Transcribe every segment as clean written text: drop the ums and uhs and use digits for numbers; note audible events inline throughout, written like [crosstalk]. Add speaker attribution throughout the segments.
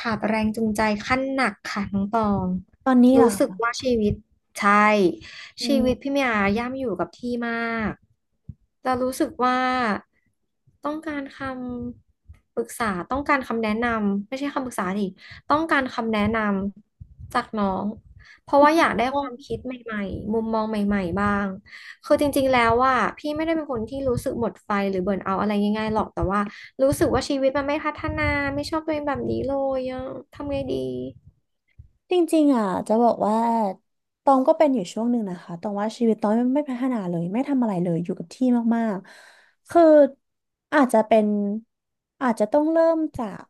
Speaker 1: ขาดแรงจูงใจขั้นหนักค่ะน้องตอง
Speaker 2: ตอนนี้เหรอ
Speaker 1: รู้สึก
Speaker 2: คะ
Speaker 1: ว่าชีวิตใช่
Speaker 2: อื
Speaker 1: ชีวิต
Speaker 2: ม
Speaker 1: พี่เมียย่ำอยู่กับที่มากแต่รู้สึกว่าต้องการคำปรึกษาต้องการคำแนะนำไม่ใช่คำปรึกษาดิต้องการคำแนะนำจากน้องเพราะว่าอยากได้ควา
Speaker 2: อ
Speaker 1: มคิดใหม่ๆมุมมองใหม่ๆบ้างคือจริงๆแล้วว่าพี่ไม่ได้เป็นคนที่รู้สึกหมดไฟหรือเบิร์นเอาท์อะไรง่ายๆหรอกแต่ว่า รู้สึกว่าชีวิตมันไม่พัฒนาไม่ชอบตัวเองแบบนี้เลยอะทำไงดี
Speaker 2: จริงๆอ่ะจะบอกว่าตองก็เป็นอยู่ช่วงหนึ่งนะคะตองว่าชีวิตตองไม่พัฒนาเลยไม่ทำอะไรเลยอยู่กับที่มากๆ คืออาจจะเป็นอาจจะต้องเริ่มจาก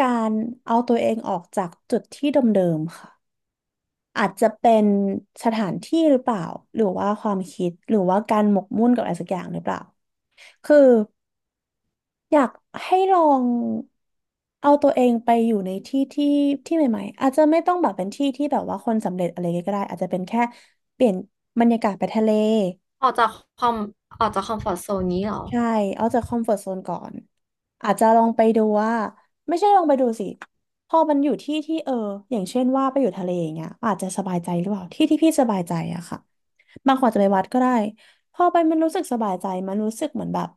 Speaker 2: การเอาตัวเองออกจากจุดที่เดิมๆค่ะอาจจะเป็นสถานที่หรือเปล่าหรือว่าความคิด หรือว่าการหมกมุ่นกับอะไรสักอย่างหรือเปล่าคือ อยากให้ลองเอาตัวเองไปอยู่ในที่ใหม่ๆอาจจะไม่ต้องแบบเป็นที่ที่แบบว่าคนสำเร็จอะไรก็ได้อาจจะเป็นแค่เปลี่ยนบรรยากาศไปทะเล
Speaker 1: ออกจากคอมออกจากคอมฟอร์ z โซนนี้เหรอ
Speaker 2: ใช่ เอาจากคอมฟอร์ z โซนก่อน อาจจะลองไปดูว่า ไม่ใช่ลองไปดูสิ พอมันอยู่ที่ที่อย่างเช่นว่าไปอยู่ทะเลอย่างเงี้ยอาจจะสบายใจหรือเปล่าที่ที่พี่สบายใจอะค่ะบางคนอาจจะไปวัดก็ได้พอไปมันรู้สึกสบายใจมันรู้สึกเหมือนแบบ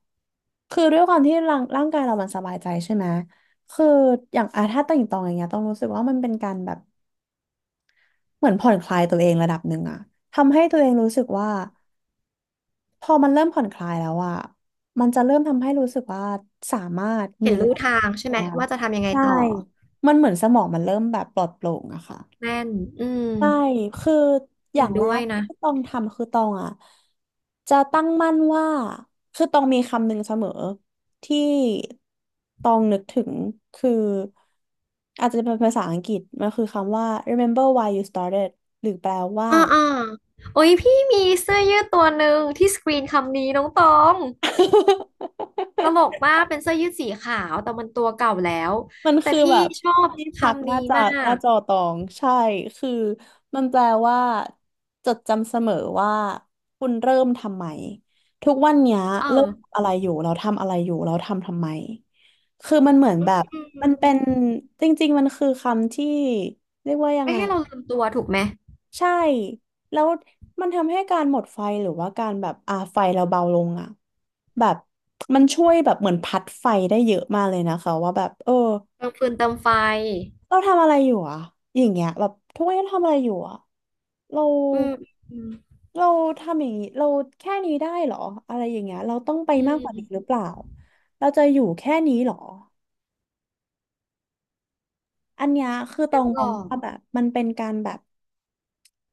Speaker 2: คือด้วยความที่ร่างกายเรามันสบายใจใช่ไหมคืออย่างอาถ้าต่างตองอย่างเงี้ยต้องรู้สึกว่ามันเป็นการแบบ เหมือนผ่อนคลายตัวเองระดับหนึ่งอะทำให้ตัวเองรู้สึกว่า พอมันเริ่มผ่อนคลายแล้วอะมันจะเริ่มทำให้รู้สึกว่าสามารถมี
Speaker 1: เห็น
Speaker 2: แร
Speaker 1: รู้
Speaker 2: ง
Speaker 1: ทางใช่ไหม
Speaker 2: บ้าง
Speaker 1: ว่าจะทำยังไง
Speaker 2: ใช่
Speaker 1: ต่อ
Speaker 2: มันเหมือนสมองมันเริ่มแบบปลอดโปร่งอะค่ะ
Speaker 1: แม่นอืม
Speaker 2: ใช่ คืออ
Speaker 1: เห็
Speaker 2: ย่า
Speaker 1: น
Speaker 2: งแร
Speaker 1: ด้วย
Speaker 2: ก
Speaker 1: นะ
Speaker 2: ที่ต้องทำคือต้องอ่ะ จะตั้งมั่นว่า คือต้องมีคำหนึ่งเสมอที่ต้องนึกถึงคืออาจจะเป็นภาษาอังกฤษมันคือคำว่า remember why you started หรือแปลว่า
Speaker 1: อ่าอ่าโอ้ยพี่มีเสื้อยืดตัวหนึ่งที่สกรีนคำนี้น้องตองตลก
Speaker 2: [laughs]
Speaker 1: มากเป็นเสื้อยืดสีขาวแต่มันตัวเก่าแล้ว
Speaker 2: มัน
Speaker 1: แต่
Speaker 2: คือ
Speaker 1: พี่
Speaker 2: แบบ
Speaker 1: ชอบ
Speaker 2: ที่พัก
Speaker 1: คำ
Speaker 2: ห
Speaker 1: นี้
Speaker 2: น้าจอ
Speaker 1: มา
Speaker 2: หน้า
Speaker 1: ก
Speaker 2: จอตองใช่คือมันแปลว่าจดจำเสมอว่าคุณเริ่มทำไมทุกวันเนี้ย
Speaker 1: เออ
Speaker 2: เริ่มทำอะไรอยู่เราทำอะไรอยู่เราทำทำไมคือมันเหมือน
Speaker 1: อื
Speaker 2: แบบมันเป็
Speaker 1: ม
Speaker 2: นจริงๆมันคือคำที่เรียกว่ายัง
Speaker 1: ไม่
Speaker 2: ไง
Speaker 1: ให้เราลืมตัวถูกไหม
Speaker 2: ใช่แล้วมันทำให้การหมดไฟหรือว่าการแบบไฟเราเบาลงอ่ะแบบมันช่วยแบบเหมือนพัดไฟได้เยอะมากเลยนะคะว่าแบบเออ
Speaker 1: เติมฟืนเติมไฟ
Speaker 2: เราทำอะไรอยู่อะอย่างเงี้ยแบบทุกวันนี้เราทำอะไรอยู่อะเรา
Speaker 1: อืมอืม
Speaker 2: เราทำอย่างงี้เราแค่นี้ได้เหรออะไรอย่างเงี้ยเราต้องไป
Speaker 1: อื
Speaker 2: มากกว่านี้หรือ
Speaker 1: ม
Speaker 2: เปล่าเราจะอยู่แค่นี้เหรออันเนี้ยคือตอ
Speaker 1: นึก
Speaker 2: งม
Speaker 1: อ
Speaker 2: อง
Speaker 1: อก
Speaker 2: ว่าแบบมันเป็นการแบบ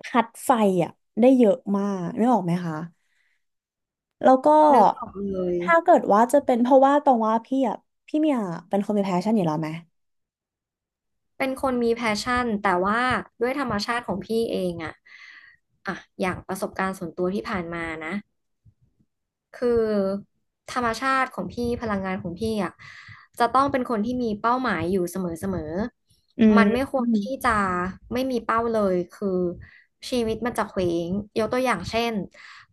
Speaker 2: พัดไฟอะได้เยอะมากนึกออกไหมคะแล้วก็
Speaker 1: นึกออกเลย
Speaker 2: ถ้าเกิดว่าจะเป็นเพราะว่าตองว่าพี่อะพี่เมียเป็นคนมีแพชชั่นอยู่แล้วไหม
Speaker 1: เป็นคนมีแพชชั่น แต่ว่าด้วยธรรมชาติของพี่เองอะอะอย่างประสบการณ์ส่วนตัวที่ผ่านมานะ คือธรรมชาติของพี่พลังงานของพี่อ่ะจะต้องเป็นคนที่มีเป้าหมายอยู่เสมอ
Speaker 2: อืม
Speaker 1: มันไม่ค
Speaker 2: อื
Speaker 1: วร
Speaker 2: ม
Speaker 1: ที่จะไม่มีเป้าเลยคือชีวิตมันจะเคว้งยกตัวอย่างเช่น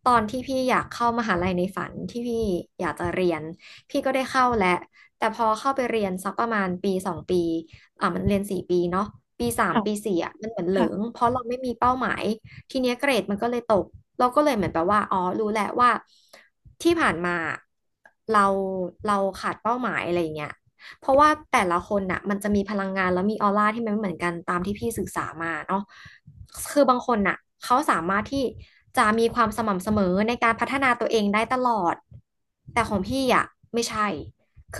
Speaker 1: ตอนที่พี่อยากเข้ามหาลัยในฝันที่พี่อยากจะเรียนพี่ก็ได้เข้าแหละแต่พอเข้าไปเรียนสักประมาณปีสองปีอ่ะมันเรียนสี่ปีเนาะปีสาม
Speaker 2: ค่ะ
Speaker 1: ปีสี่อ่ะมันเหมือนเหลิง
Speaker 2: ค่ะ
Speaker 1: เพราะเราไม่มีเป้าหมาย ทีเนี้ยเกรดมันก็เลยตกเราก็เลยเหมือนแบบว่าอ๋อรู้แหละว่าที่ผ่านมาเราเราขาดเป้าหมายอะไรอย่างเงี้ยเพราะว่าแต่ละคนน่ะมันจะมีพลังงานแล้วมีออร่าที่มันไม่เหมือนกันตามที่พี่ศึกษามาเนาะคือบางคนน่ะเขาสามารถที่จะมีความสม่ำเสมอในการพัฒนาตัวเองได้ตลอดแต่ของพี่อ่ะไม่ใช่ค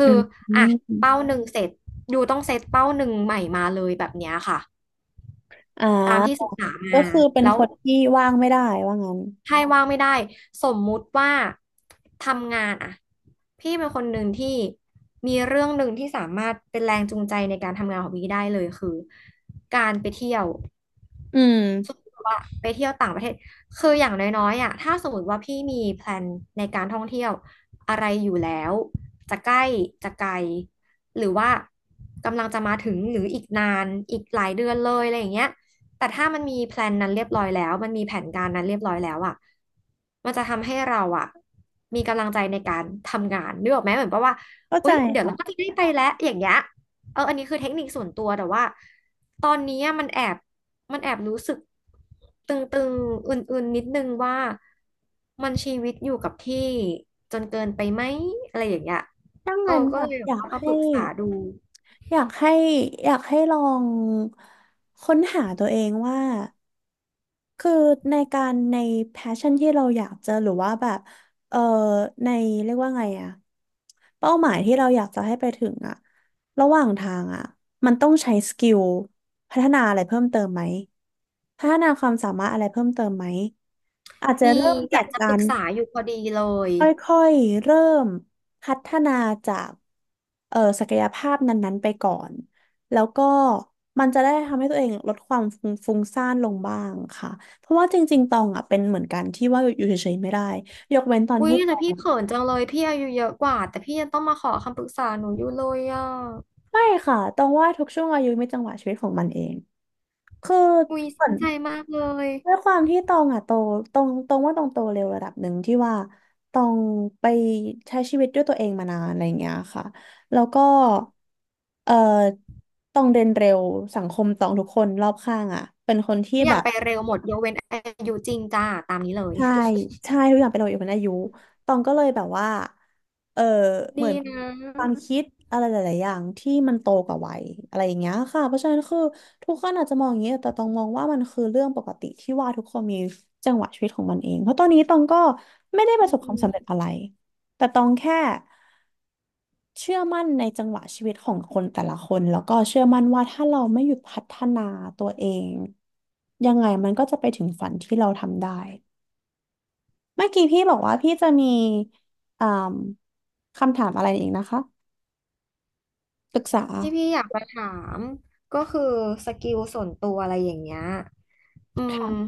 Speaker 2: อื
Speaker 1: ือ
Speaker 2: มอ
Speaker 1: อ่ะเป้า
Speaker 2: ม
Speaker 1: หนึ่งเสร็จอยู่ต้องเซตเป้าหนึ่งใหม่มาเลยแบบเนี้ยค่ะ
Speaker 2: อ่า
Speaker 1: ตามที่ศึกษา
Speaker 2: ก็
Speaker 1: มา
Speaker 2: คือเป็น
Speaker 1: แล้ว
Speaker 2: คนที่ว่างไม่ได้ว่างั้น
Speaker 1: ใช่ว่างไม่ได้สมมุติว่าทำงานอะพี่เป็นคนหนึ่งที่มีเรื่องหนึ่งที่สามารถเป็นแรงจูงใจในการทำงานของพี่ได้เลยคือการไปเที่ยว
Speaker 2: อื
Speaker 1: สม
Speaker 2: ม
Speaker 1: มติว่าไปเที่ยวต่างประเทศคืออย่างน้อยๆอ่ะถ้าสมมติว่าพี่มีแพลนในการท่องเที่ยวอะไรอยู่แล้วจะใกล้จะไกลหรือว่ากำลังจะมาถึงหรืออีกนานอีกหลายเดือนเลยอะไรอย่างเงี้ยแต่ถ้ามันมีแพลนนั้นเรียบร้อยแล้วมันมีแผนการนั้นเรียบร้อยแล้วอ่ะมันจะทำให้เราอ่ะมีกำลังใจในการทำงานนึกออกไหมเหมือนแับว่า
Speaker 2: เข้าใจ
Speaker 1: อุ๊ยเดี๋ยวเราก็จะ
Speaker 2: ค่ะ
Speaker 1: ได้ไปแล้วอย่างเงี้ยเอออันนี้คือเทคนิคส่วนตัวแต่ว่าตอนนี้มันแอบ มันแอบรู้สึกตึงๆอื่นๆ นิดนึงว่ามันชีวิตอยู่กับที่จนเกินไปไหมอะไรอย่างเงี้ย
Speaker 2: ดัง
Speaker 1: โอ้
Speaker 2: นั้น
Speaker 1: ก็
Speaker 2: แบ
Speaker 1: เล
Speaker 2: บ
Speaker 1: ยแบบว่ามาปรึกษาดู
Speaker 2: อยากให้อยากให้ลองค้นหาตัวเองว่าคือในการใน passion ที่เราอยากจะหรือว่าแบบเออในเรียกว่าไงอะเป้าหมายที่เราอยากจะให้ไปถึงอะระหว่างทางอะมันต้องใช้สกิลพัฒนาอะไรเพิ่มเติมไหมพัฒนาความสามารถอะไรเพิ่มเติมไหมอาจจะ
Speaker 1: มี
Speaker 2: เริ่มจา
Speaker 1: เนี่ย
Speaker 2: ก
Speaker 1: จะ
Speaker 2: กา
Speaker 1: ปรึก
Speaker 2: ร
Speaker 1: ษาอยู่พอดีเลย
Speaker 2: ค่อยๆเริ่มพัฒนาจากศักยภาพนั้นๆไปก่อนแล้วก็มันจะได้ทำให้ตัวเองลดความฟุ้งซ่านลงบ้างค่ะเพราะว่าจริงๆตองอ่ะเป็นเหมือนกันที่ว่าอยู่เฉยๆไม่ได้ยกเว้นตอน
Speaker 1: อุ๊ย
Speaker 2: ที่ต
Speaker 1: แต่
Speaker 2: อ
Speaker 1: พี่
Speaker 2: ง
Speaker 1: เขินจังเลยพี่อายุเยอะกว่าแต่พี่ยังต้องมาขอคำปรึกษาหนูอยู่เลยอ่ะ
Speaker 2: ไม่ค่ะตองว่าทุกช่วงอายุมีจังหวะชีวิตของมันเองคือ
Speaker 1: อุ๊ยสนใจมากเลย
Speaker 2: ด้วยความที่ตองอ่ะโตตองว่าตองโตเร็วระดับหนึ่งที่ว่าตองไปใช้ชีวิตด้วยตัวเองมานานอะไรอย่างเงี้ยค่ะแล้วก็เอ่อตองเรียนเร็วสังคมตองทุกคนรอบข้างอ่ะเป็นคนที่
Speaker 1: ทุกอ
Speaker 2: แบ
Speaker 1: ย่าง
Speaker 2: บ
Speaker 1: ไปเร็วหมดยกเว้นอายุจริงจ้าตามนี้เลย
Speaker 2: ใช่ใช่ทุกอย่างเป็นเราอยู่บนอายุตองก็เลยแบบว่าเออเหมื
Speaker 1: ดี
Speaker 2: อน
Speaker 1: นะ
Speaker 2: ความคิดอะไรหลายๆอย่างที่มันโตกว่าวัยอะไรอย่างเงี้ยค่ะเพราะฉะนั้นคือทุกคนอาจจะมองอย่างเงี้ยแต่ตองมองว่ามันคือเรื่องปกติที่ว่าทุกคนมีจังหวะชีวิตของมันเอง เพราะตอนนี้ตองก็ไม่ได้ป
Speaker 1: อื
Speaker 2: ระสบความ
Speaker 1: ม
Speaker 2: สำเร็จอะไร แต่ตองแค่เชื่อมั่นในจังหวะชีวิตของคนแต่ละคนแล้วก็เชื่อมั่นว่าถ้าเราไม่หยุดพัฒนาตัวเองยังไงมันก็จะไปถึงฝันที่เราทำได้ เมื่อกี้พี่บอกว่าพี่จะมีอ่ามคำถามอะไรอีกนะคะปรึกษา
Speaker 1: ที่พี่อยากมาถามก็คือสกิลส่วนตัวอะไรอย่างเงี้ยอืม
Speaker 2: ค่ะ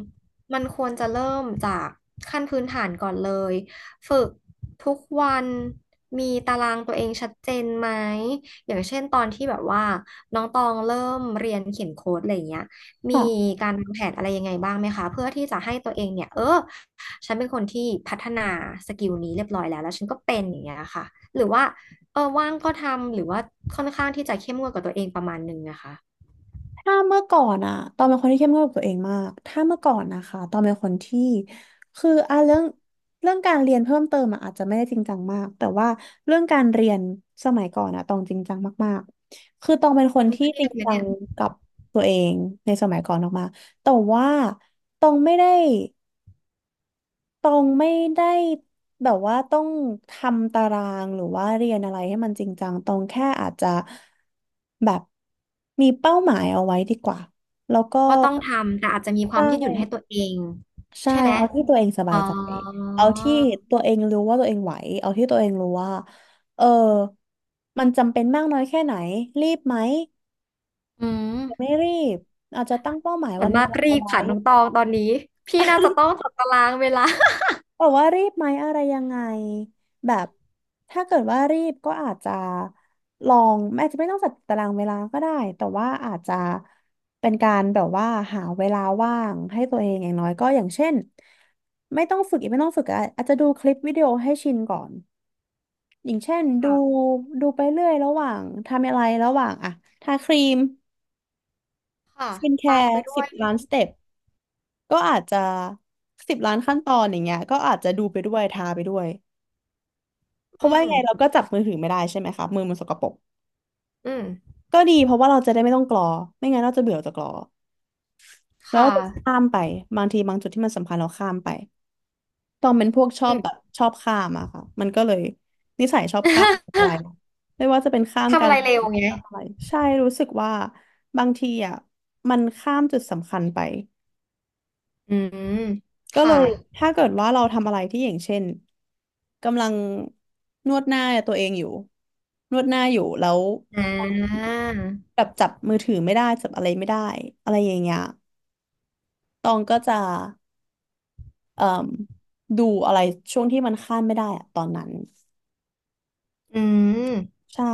Speaker 1: มันควรจะเริ่มจากขั้นพื้นฐานก่อนเลยฝึกทุกวันมีตารางตัวเองชัดเจนไหมอย่างเช่นตอนที่แบบว่าน้องตองเริ่มเรียนเขียนโค้ดอะไรอย่างเงี้ยมี
Speaker 2: ค่ะ
Speaker 1: การวางแผนอะไรยังไงบ้างไหมคะเพื่อที่จะให้ตัวเองเนี่ยฉันเป็นคนที่พัฒนาสกิลนี้เรียบร้อยแล้วแล้วฉันก็เป็นอย่างเงี้ยค่ะหรือว่า เออว่างก็ทำหรือว่าค่อนข้างที่จะเข้มงวดกับตัวเองประมาณหนึ่งนะคะ
Speaker 2: ถ้าเมื่อก่อนอะตอนเป็นคนที่เข้มงวดกับตัวเองมาก ถ้าเมื่อก่อนนะคะ ตอนเป็นคนที่คืออ่ะเรื่องการเรียนเพิ่มเติมอะอาจจะไม่ได้จริงจังมาก แต่ว่าเรื่องการเรียนสมัยก่อนอะตองจริงจังมากๆคือตองเป็นคน
Speaker 1: จน
Speaker 2: ที่
Speaker 1: เครี
Speaker 2: จ
Speaker 1: ย
Speaker 2: ริ
Speaker 1: ด
Speaker 2: ง
Speaker 1: ไหม
Speaker 2: จั
Speaker 1: เนี่
Speaker 2: ง
Speaker 1: ย
Speaker 2: กับตัวเองในสมัยก่อนออกมาแต่ว่าตองไม่ได้ ตองไม่ได้แบบว่าต้องทำตารางหรือว่าเรียนอะไรให้มันจริงจังตองแค่อาจจะแบบมีเป้าหมายเอาไว้ดีกว่าแล้วก็
Speaker 1: ว่าต้องทำแต่อาจจะมีค
Speaker 2: ใช
Speaker 1: วามยืดหยุ่นให้ตัว
Speaker 2: ่
Speaker 1: เอง
Speaker 2: ใช่
Speaker 1: ใช่ไหม
Speaker 2: เอาที่ตัวเองส
Speaker 1: อ๋
Speaker 2: บา
Speaker 1: อ
Speaker 2: ยใจเอาที่ตัวเองรู้ว่าตัวเองไหวเอาที่ตัวเองรู้ว่าเออมันจำเป็นมากน้อยแค่ไหนรีบไหม
Speaker 1: อืม
Speaker 2: หรือไม่รีบอาจจะตั้งเป้าหมาย
Speaker 1: ส่
Speaker 2: วั
Speaker 1: วน
Speaker 2: นเว
Speaker 1: มาก
Speaker 2: ลา
Speaker 1: รี
Speaker 2: เอา
Speaker 1: บ
Speaker 2: ไว้
Speaker 1: ค่ะน้องตองตอนนี้พี่น่าจะต้องจัดตารางเวลา
Speaker 2: บอกว่ารีบไหมอะไรยังไงแบบถ้าเกิดว่ารีบก็อาจจะไม่ต้องจัดตารางเวลาก็ได้แต่ว่าอาจจะเป็นการแบบว่าหาเวลาว่างให้ตัวเองอย่างน้อยก็อย่างเช่นไม่ต้องฝึกอะอาจจะดูคลิปวิดีโอให้ชินก่อนอย่างเช่นดู
Speaker 1: ค่ะ
Speaker 2: ดูไปเรื่อยระหว่างทำอะไรระหว่างอะทาครีม
Speaker 1: ค่ะ
Speaker 2: สกินแค
Speaker 1: ฟังไป
Speaker 2: ร์
Speaker 1: ด้ว
Speaker 2: สิบ
Speaker 1: ย
Speaker 2: ล้านสเต็ปก็อาจจะสิบล้านขั้นตอนอย่างเงี้ยก็อาจจะดูไปด้วยทาไปด้วย เพ
Speaker 1: อื
Speaker 2: ราะว่ายังไงเรา
Speaker 1: ม
Speaker 2: ก็จับมือถือไม่ได้ใช่ไหมคะมือมันสกปรก
Speaker 1: อืม
Speaker 2: ก็ดีเพราะว่าเราจะได้ไม่ต้องกรอไม่งั้นเราจะเบื่อจะกรอแล้วเรา
Speaker 1: ค่ะ
Speaker 2: จะข้ามไปบางทีบางจุดที่มันสำคัญเราข้ามไปตอนเป็นพวกชอ
Speaker 1: อื
Speaker 2: บ
Speaker 1: ม
Speaker 2: แบบชอบข้ามอะค่ะมันก็เลยนิสัยชอบข้ามอะไร
Speaker 1: [laughs]
Speaker 2: นะไม่ว่าจะเป็นข้าม
Speaker 1: ทำ
Speaker 2: กา
Speaker 1: อะ
Speaker 2: ร
Speaker 1: ไรเร็วไง
Speaker 2: อะไรใช่รู้สึกว่าบางทีอะมันข้ามจุดสำคัญไป
Speaker 1: อืม
Speaker 2: ก็เล
Speaker 1: ค่ะ
Speaker 2: ยถ้าเกิดว่าเราทำอะไรที่อย่างเช่นกำลังนวดหน้าตัวเองอยู่นวดหน้าอยู่แล้ว
Speaker 1: อ่า
Speaker 2: แบบจับมือถือไม่ได้จับอะไรไม่ได้อะไรอย่างเงี้ยตองก็จะเอ่มดูอะไรช่วงที่มันข้ามไม่ได้อะตอนนั้น
Speaker 1: อืม
Speaker 2: ใช่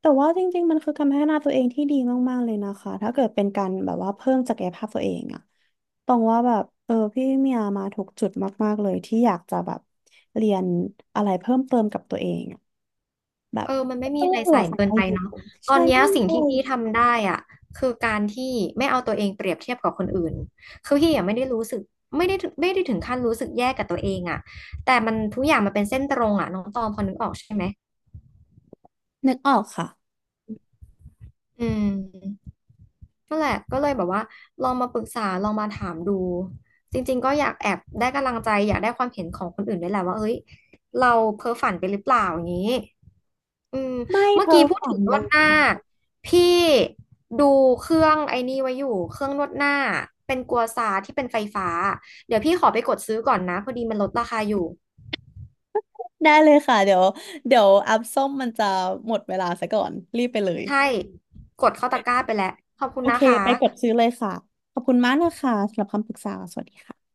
Speaker 2: แต่ว่าจริงๆมันคือการพัฒนาตัวเองที่ดีมากๆเลยนะคะถ้าเกิดเป็นการแบบว่าเพิ่มศักยภาพตัวเองอะตองว่าแบบพี่เมียมาถูกจุดมากๆเลยที่อยากจะแบบเรียนอะไรเพิ่มเติมกับตัวเองอะแบบ
Speaker 1: เออมัน
Speaker 2: ไม่
Speaker 1: ไม่มี
Speaker 2: ต้อง
Speaker 1: อะไร
Speaker 2: ห่ว
Speaker 1: ใส่
Speaker 2: ง
Speaker 1: เกิน
Speaker 2: อา
Speaker 1: ไป
Speaker 2: ยุ
Speaker 1: เนาะตอ
Speaker 2: ใช่
Speaker 1: นเนี้ย
Speaker 2: ไม่
Speaker 1: สิ่ง
Speaker 2: ต้อ
Speaker 1: ที่
Speaker 2: ง
Speaker 1: พี่ทำได้อ่ะคือการที่ไม่เอาตัวเองเปรียบเทียบกับคนอื่นคือพี่ยังไม่ได้รู้สึกไม่ได้ถึงขั้นรู้สึกแย่กับตัวเองอ่ะแต่มันทุกอย่างมันเป็นเส้นตรงอ่ะน้องตอมพอนึกออกใช่ไหม
Speaker 2: นึกออกค่ะ
Speaker 1: อืม นั่นแหละก็เลยแบบว่าลองมาปรึกษาลองมาถามดู จริงๆก็อยากแอบได้กำลังใจอยากได้ความเห็นของคนอื่นด้วยแหละว่าเฮ้ยเราเพ้อฝันไปหรือเปล่าอย่างนี้อืม
Speaker 2: ไม่
Speaker 1: เมื่อ
Speaker 2: เพ้อ
Speaker 1: กี้พูด
Speaker 2: ฝั
Speaker 1: ถึ
Speaker 2: น
Speaker 1: งน
Speaker 2: เล
Speaker 1: วดห
Speaker 2: ย
Speaker 1: น้า พี่ดูเครื่องไอ้นี่ไว้อยู่เครื่องนวดหน้าเป็นกัวซาที่เป็นไฟฟ้า เดี๋ยวพี่ขอไปกดซื้อก่อนนะพอดีมันลดราคาอยู่
Speaker 2: ได้เลยค่ะเดี๋ยวอัพส้มมันจะหมดเวลาซะก่อนรีบไปเลย
Speaker 1: ใช่ กดเข้าตะกร้าไปแล้วขอบคุ
Speaker 2: โอ
Speaker 1: ณนะ
Speaker 2: เค
Speaker 1: คะ
Speaker 2: ไปกดซื้อเลยค่ะขอบคุณมากนะคะสำหรับคำปรึกษาสวัสดีค่ะ